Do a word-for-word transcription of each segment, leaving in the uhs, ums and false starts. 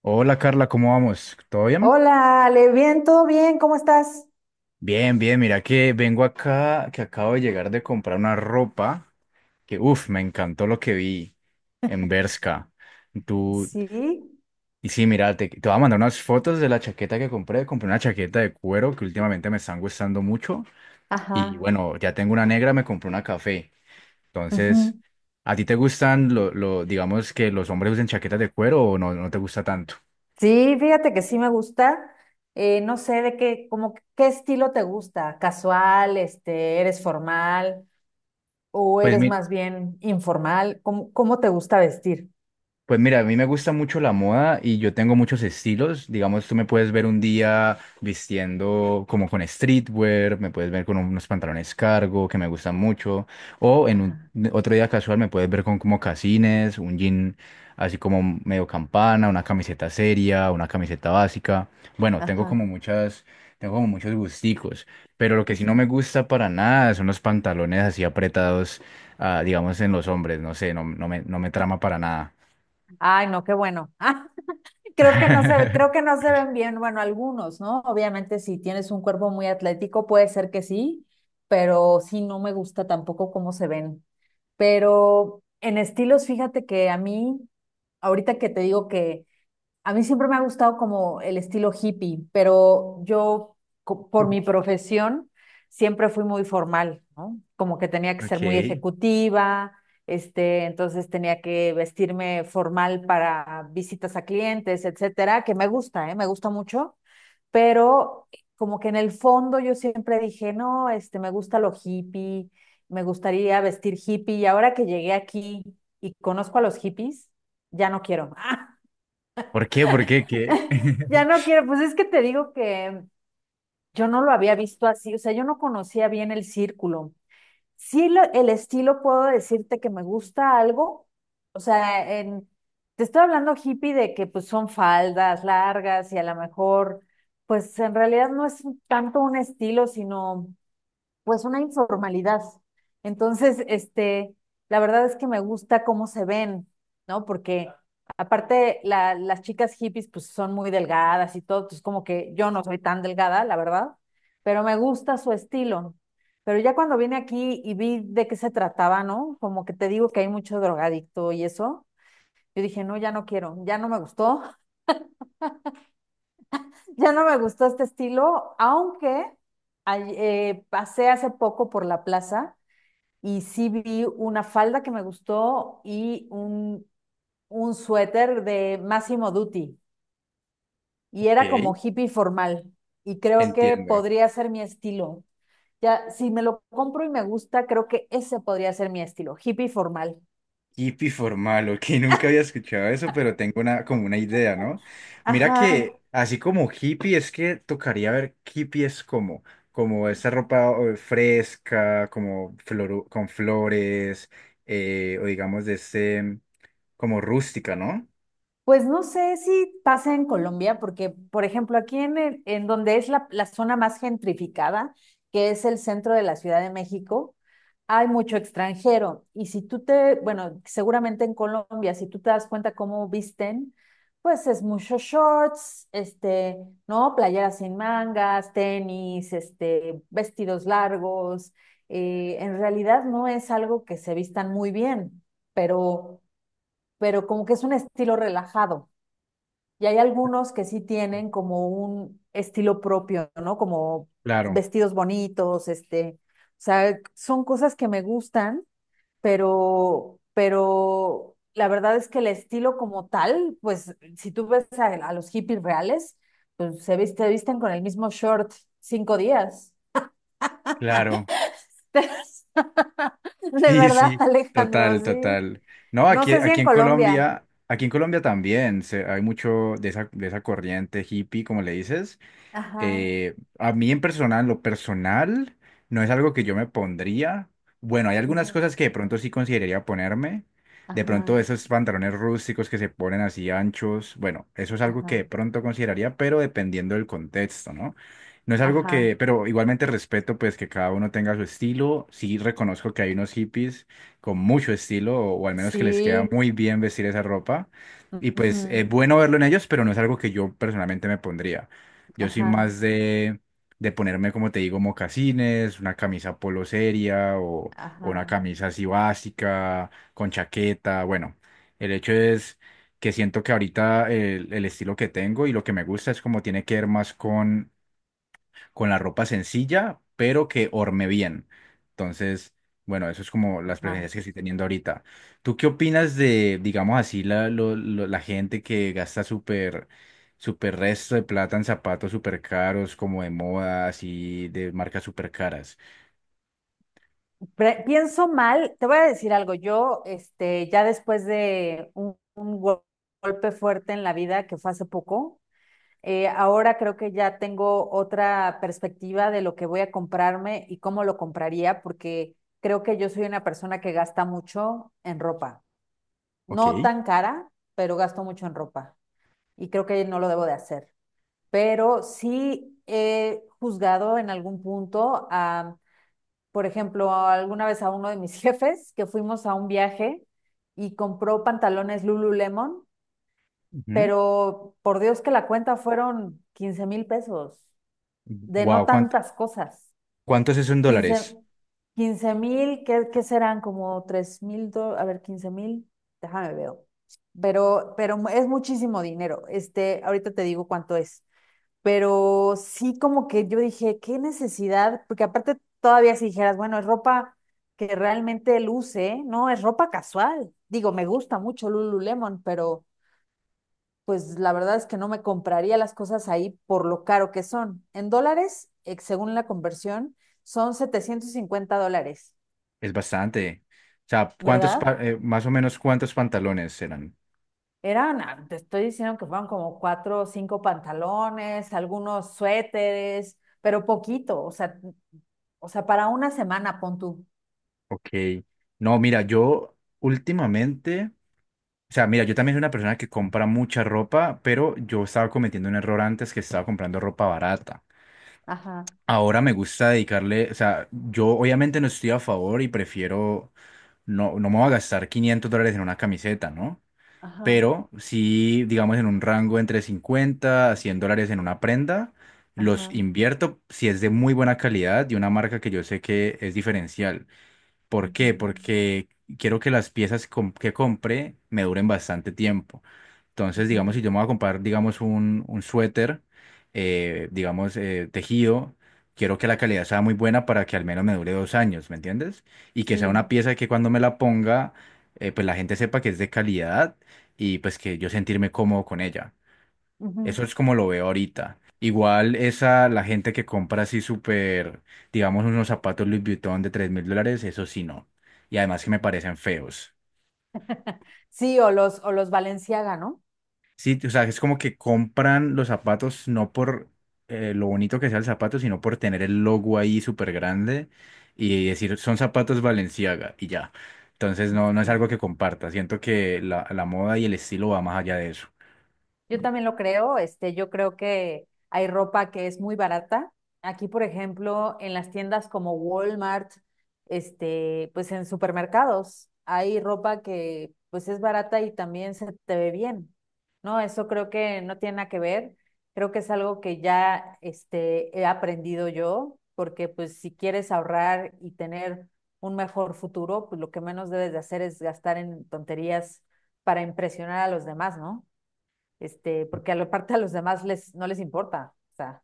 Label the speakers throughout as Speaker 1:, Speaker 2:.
Speaker 1: Hola Carla, ¿cómo vamos? ¿Todo bien?
Speaker 2: Hola, Ale, bien, todo bien, ¿cómo estás?
Speaker 1: Bien, bien, mira que vengo acá, que acabo de llegar de comprar una ropa que, uff, me encantó lo que vi en Bershka. Tú,
Speaker 2: Sí,
Speaker 1: y sí, mira, te, te voy a mandar unas fotos de la chaqueta que compré. Compré una chaqueta de cuero que últimamente me están gustando mucho. Y
Speaker 2: ajá.
Speaker 1: bueno, ya tengo una negra, me compré una café.
Speaker 2: Ujú.
Speaker 1: Entonces, ¿a ti te gustan, lo, lo- digamos, que los hombres usen chaquetas de cuero o no, no te gusta tanto?
Speaker 2: Sí, fíjate que sí me gusta. Eh, no sé de qué, como que- qué estilo te gusta, casual, este, eres formal o
Speaker 1: Pues
Speaker 2: eres
Speaker 1: mi-
Speaker 2: más bien informal, ¿cómo, cómo te gusta vestir?
Speaker 1: Pues mira, a mí me gusta mucho la moda y yo tengo muchos estilos. Digamos, tú me puedes ver un día vistiendo como con streetwear, me puedes ver con unos pantalones cargo que me gustan mucho, o en un
Speaker 2: Ajá,
Speaker 1: otro día casual me puedes ver con como casines, un jean así como medio campana, una camiseta seria, una camiseta básica. Bueno, tengo
Speaker 2: ajá.
Speaker 1: como muchas, tengo como muchos gusticos, pero lo que sí no
Speaker 2: Ujú.
Speaker 1: me gusta para nada son los pantalones así apretados, ah, digamos, en los hombres, no sé, no, no me, no me trama para nada.
Speaker 2: Ay, no, qué bueno. Creo que no se, creo que no se ven bien, bueno, algunos, ¿no? Obviamente, si tienes un cuerpo muy atlético, puede ser que sí, pero sí no me gusta tampoco cómo se ven. Pero en estilos, fíjate que a mí, ahorita que te digo que a mí siempre me ha gustado como el estilo hippie, pero yo co- por mi profesión siempre fui muy formal, ¿no? Como que tenía que ser muy
Speaker 1: Ok.
Speaker 2: ejecutiva, este, entonces tenía que vestirme formal para visitas a clientes, etcétera, que me gusta, ¿eh? Me gusta mucho, pero como que en el fondo yo siempre dije, no, este, me gusta lo hippie, me gustaría vestir hippie y ahora que llegué aquí y conozco a los hippies, ya no quiero.
Speaker 1: ¿Por qué? ¿Por qué? ¿Qué?
Speaker 2: Ya no quiero, pues es que te digo que yo no lo había visto así, o sea, yo no conocía bien el círculo. Sí, lo- el estilo puedo decirte que me gusta algo, o sea, en, te estoy hablando hippie de que pues son faldas largas y a lo mejor, pues en realidad no es un- tanto un estilo, sino pues una informalidad. Entonces, este, la verdad es que me gusta cómo se ven, ¿no? Porque aparte la- las chicas hippies pues son muy delgadas y todo, pues como que yo no soy tan delgada, la verdad, pero me gusta su estilo. Pero ya cuando vine aquí y vi de qué se trataba, ¿no? Como que te digo que hay mucho drogadicto y eso, yo dije, no, ya no quiero, ya no me gustó, ya no me gustó este estilo, aunque ay- eh, pasé hace poco por la plaza y sí vi una falda que me gustó y un, un suéter de Massimo Dutti y era como
Speaker 1: Ok,
Speaker 2: hippie formal y creo que
Speaker 1: entiendo.
Speaker 2: podría ser mi estilo. Ya, si me lo compro y me gusta, creo que ese podría ser mi estilo, hippie formal.
Speaker 1: Hippie formal, ok, nunca había escuchado eso, pero tengo una, como una idea, ¿no? Mira
Speaker 2: Ajá.
Speaker 1: que así como hippie, es que tocaría ver qué hippie es como, como esa ropa eh, fresca, como floru- con flores, eh, o digamos de ese, como rústica, ¿no?
Speaker 2: Pues no sé si pasa en Colombia, porque, por ejemplo, aquí en, el- en donde es la, la zona más gentrificada, que es el centro de la Ciudad de México, hay mucho extranjero. Y si tú te, bueno, seguramente en Colombia, si tú te das cuenta cómo visten, pues es mucho shorts, este, ¿no? Playeras sin mangas, tenis, este, vestidos largos. Eh, en realidad no es algo que se vistan muy bien, pero, pero como que es un estilo relajado. Y hay algunos que sí tienen como un estilo propio, ¿no? Como
Speaker 1: Claro,
Speaker 2: vestidos bonitos, este, o sea, son cosas que me gustan, pero, pero la verdad es que el estilo como tal, pues si tú ves a, a los hippies reales, pues se viste, visten con el mismo short cinco días.
Speaker 1: claro.
Speaker 2: De
Speaker 1: Sí,
Speaker 2: verdad,
Speaker 1: sí,
Speaker 2: Alejandro,
Speaker 1: total,
Speaker 2: sí.
Speaker 1: total. No,
Speaker 2: No
Speaker 1: aquí,
Speaker 2: sé si
Speaker 1: aquí
Speaker 2: en
Speaker 1: en
Speaker 2: Colombia.
Speaker 1: Colombia, aquí en Colombia también se- hay mucho de esa, de esa corriente hippie, como le dices.
Speaker 2: Ajá,
Speaker 1: Eh, a mí en personal, lo personal, no es algo que yo me pondría. Bueno, hay algunas
Speaker 2: ujú,
Speaker 1: cosas que de pronto sí consideraría ponerme. De
Speaker 2: ajá,
Speaker 1: pronto esos pantalones rústicos que se ponen así anchos, bueno, eso es algo que
Speaker 2: ajá,
Speaker 1: de pronto consideraría, pero dependiendo del contexto, ¿no? No es algo que,
Speaker 2: ajá.
Speaker 1: pero igualmente respeto pues que cada uno tenga su estilo. Sí reconozco que hay unos hippies con mucho estilo, o, o al menos que les queda
Speaker 2: Sí,
Speaker 1: muy bien vestir esa ropa. Y pues
Speaker 2: ujú,
Speaker 1: es bueno verlo en ellos, pero no es algo que yo personalmente me pondría. Yo soy
Speaker 2: Ajá,
Speaker 1: más de, de ponerme, como te digo, mocasines, una camisa polo seria o, o una
Speaker 2: ajá,
Speaker 1: camisa así básica, con chaqueta. Bueno, el hecho es que siento que ahorita el, el estilo que tengo y lo que me gusta es como tiene que ver más con con la ropa sencilla, pero que orme bien. Entonces, bueno, eso es como las
Speaker 2: ajá.
Speaker 1: preferencias que estoy teniendo ahorita. ¿Tú qué opinas de, digamos así, la, lo- lo- la gente que gasta súper, súper resto de plata en zapatos súper caros, como de moda, así, de marcas súper caras?
Speaker 2: Pre- pienso mal, te voy a decir algo. Yo, este, ya después de un, un gol- golpe fuerte en la vida que fue hace poco, eh, ahora creo que ya tengo otra perspectiva de lo que voy a comprarme y cómo lo compraría, porque creo que yo soy una persona que gasta mucho en ropa.
Speaker 1: Ok.
Speaker 2: No tan cara, pero gasto mucho en ropa y creo que no lo debo de hacer. Pero sí he juzgado en algún punto a, por ejemplo, alguna vez a uno de mis jefes que fuimos a un viaje y compró pantalones Lululemon,
Speaker 1: Ujú.
Speaker 2: pero por Dios que la cuenta fueron quince mil pesos de no
Speaker 1: Wow, ¿cuánto,
Speaker 2: tantas cosas.
Speaker 1: cuánto es eso en dólares?
Speaker 2: Quince mil, ¿qué, qué serán? Como tres mil, a ver, quince mil, déjame veo. Pero, pero es muchísimo dinero. Este, ahorita te digo cuánto es. Pero sí como que yo dije, qué necesidad, porque aparte todavía si dijeras, bueno, es ropa que realmente luce, no, es ropa casual. Digo, me gusta mucho Lululemon, pero pues la verdad es que no me compraría las cosas ahí por lo caro que son. En dólares, eh, según la conversión, son setecientos cincuenta dólares,
Speaker 1: Es bastante. O sea, ¿cuántos, pa-
Speaker 2: ¿verdad?
Speaker 1: eh, más o menos cuántos pantalones serán?
Speaker 2: Eran, ah, te estoy diciendo que fueron como cuatro o cinco pantalones, algunos suéteres, pero poquito, o sea, o sea, para una semana, pon tú.
Speaker 1: Ok. No, mira, yo últimamente... O sea, mira, yo también soy una persona que compra mucha ropa, pero yo estaba cometiendo un error antes que estaba comprando ropa barata.
Speaker 2: Ajá,
Speaker 1: Ahora me gusta dedicarle, o sea, yo obviamente no estoy a favor y prefiero, no, no me voy a gastar quinientos dólares en una camiseta, ¿no?
Speaker 2: ajá,
Speaker 1: Pero sí, digamos, en un rango entre cincuenta a cien dólares en una prenda, los
Speaker 2: ajá,
Speaker 1: invierto si es de muy buena calidad y una marca que yo sé que es diferencial. ¿Por
Speaker 2: ujú,
Speaker 1: qué? Porque quiero que las piezas com- que compre me duren bastante tiempo. Entonces, digamos,
Speaker 2: ujú,
Speaker 1: si yo me voy a comprar, digamos, un, un suéter, eh, digamos, eh, tejido, quiero que la calidad sea muy buena para que al menos me dure dos años, ¿me entiendes? Y que sea una
Speaker 2: sí,
Speaker 1: pieza que cuando me la ponga, eh, pues la gente sepa que es de calidad y pues que yo sentirme cómodo con ella.
Speaker 2: ujú.
Speaker 1: Eso es como lo veo ahorita. Igual esa, la gente que compra así súper, digamos, unos zapatos Louis Vuitton de tres mil dólares, eso sí no. Y además que me parecen feos.
Speaker 2: Sí, o los, o los Balenciaga, ¿no?
Speaker 1: Sí, o sea, es como que compran los zapatos no por eh, lo bonito que sea el zapato, sino por tener el logo ahí súper grande y decir, son zapatos Balenciaga y ya. Entonces no, no es
Speaker 2: Sí.
Speaker 1: algo que comparta. Siento que la, la moda y el estilo va más allá de eso.
Speaker 2: Yo también lo creo, este, yo creo que hay ropa que es muy barata. Aquí, por ejemplo, en las tiendas como Walmart, este, pues en supermercados, hay ropa que pues es barata y también se te ve bien, ¿no? Eso creo que no tiene nada que ver. Creo que es algo que ya, este, he aprendido yo, porque pues si quieres ahorrar y tener un mejor futuro, pues lo que menos debes de hacer es gastar en tonterías para impresionar a los demás, ¿no? Este, porque a la parte a los demás les, no les importa. O sea,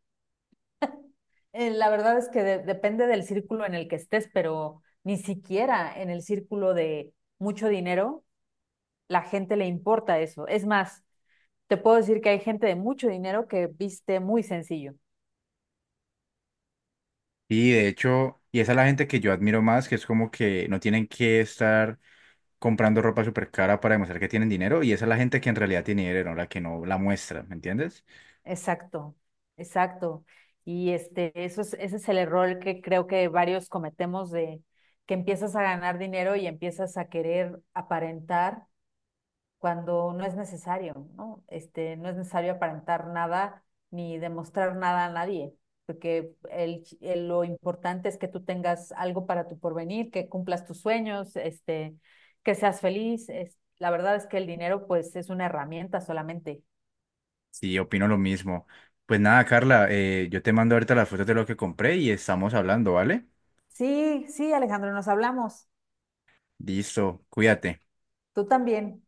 Speaker 2: eh, la verdad es que de- depende del círculo en el que estés, pero ni siquiera en el círculo de mucho dinero la gente le importa eso. Es más, te puedo decir que hay gente de mucho dinero que viste muy sencillo.
Speaker 1: Y de hecho, y esa es la gente que yo admiro más, que es como que no tienen que estar comprando ropa súper cara para demostrar que tienen dinero, y esa es la gente que en realidad tiene dinero, la que no la muestra, ¿me entiendes?
Speaker 2: Exacto, exacto. Y este, eso es, ese es el error que creo que varios cometemos de que empiezas a ganar dinero y empiezas a querer aparentar cuando no es necesario, ¿no? Este, no es necesario aparentar nada ni demostrar nada a nadie, porque el, el- lo importante es que tú tengas algo para tu porvenir, que cumplas tus sueños, este, que seas feliz. Es, la verdad es que el dinero, pues, es una herramienta solamente.
Speaker 1: Sí, opino lo mismo. Pues nada, Carla, eh, yo te mando ahorita las fotos de lo que compré y estamos hablando, ¿vale?
Speaker 2: Sí, sí, Alejandro, nos hablamos.
Speaker 1: Listo, cuídate.
Speaker 2: Tú también.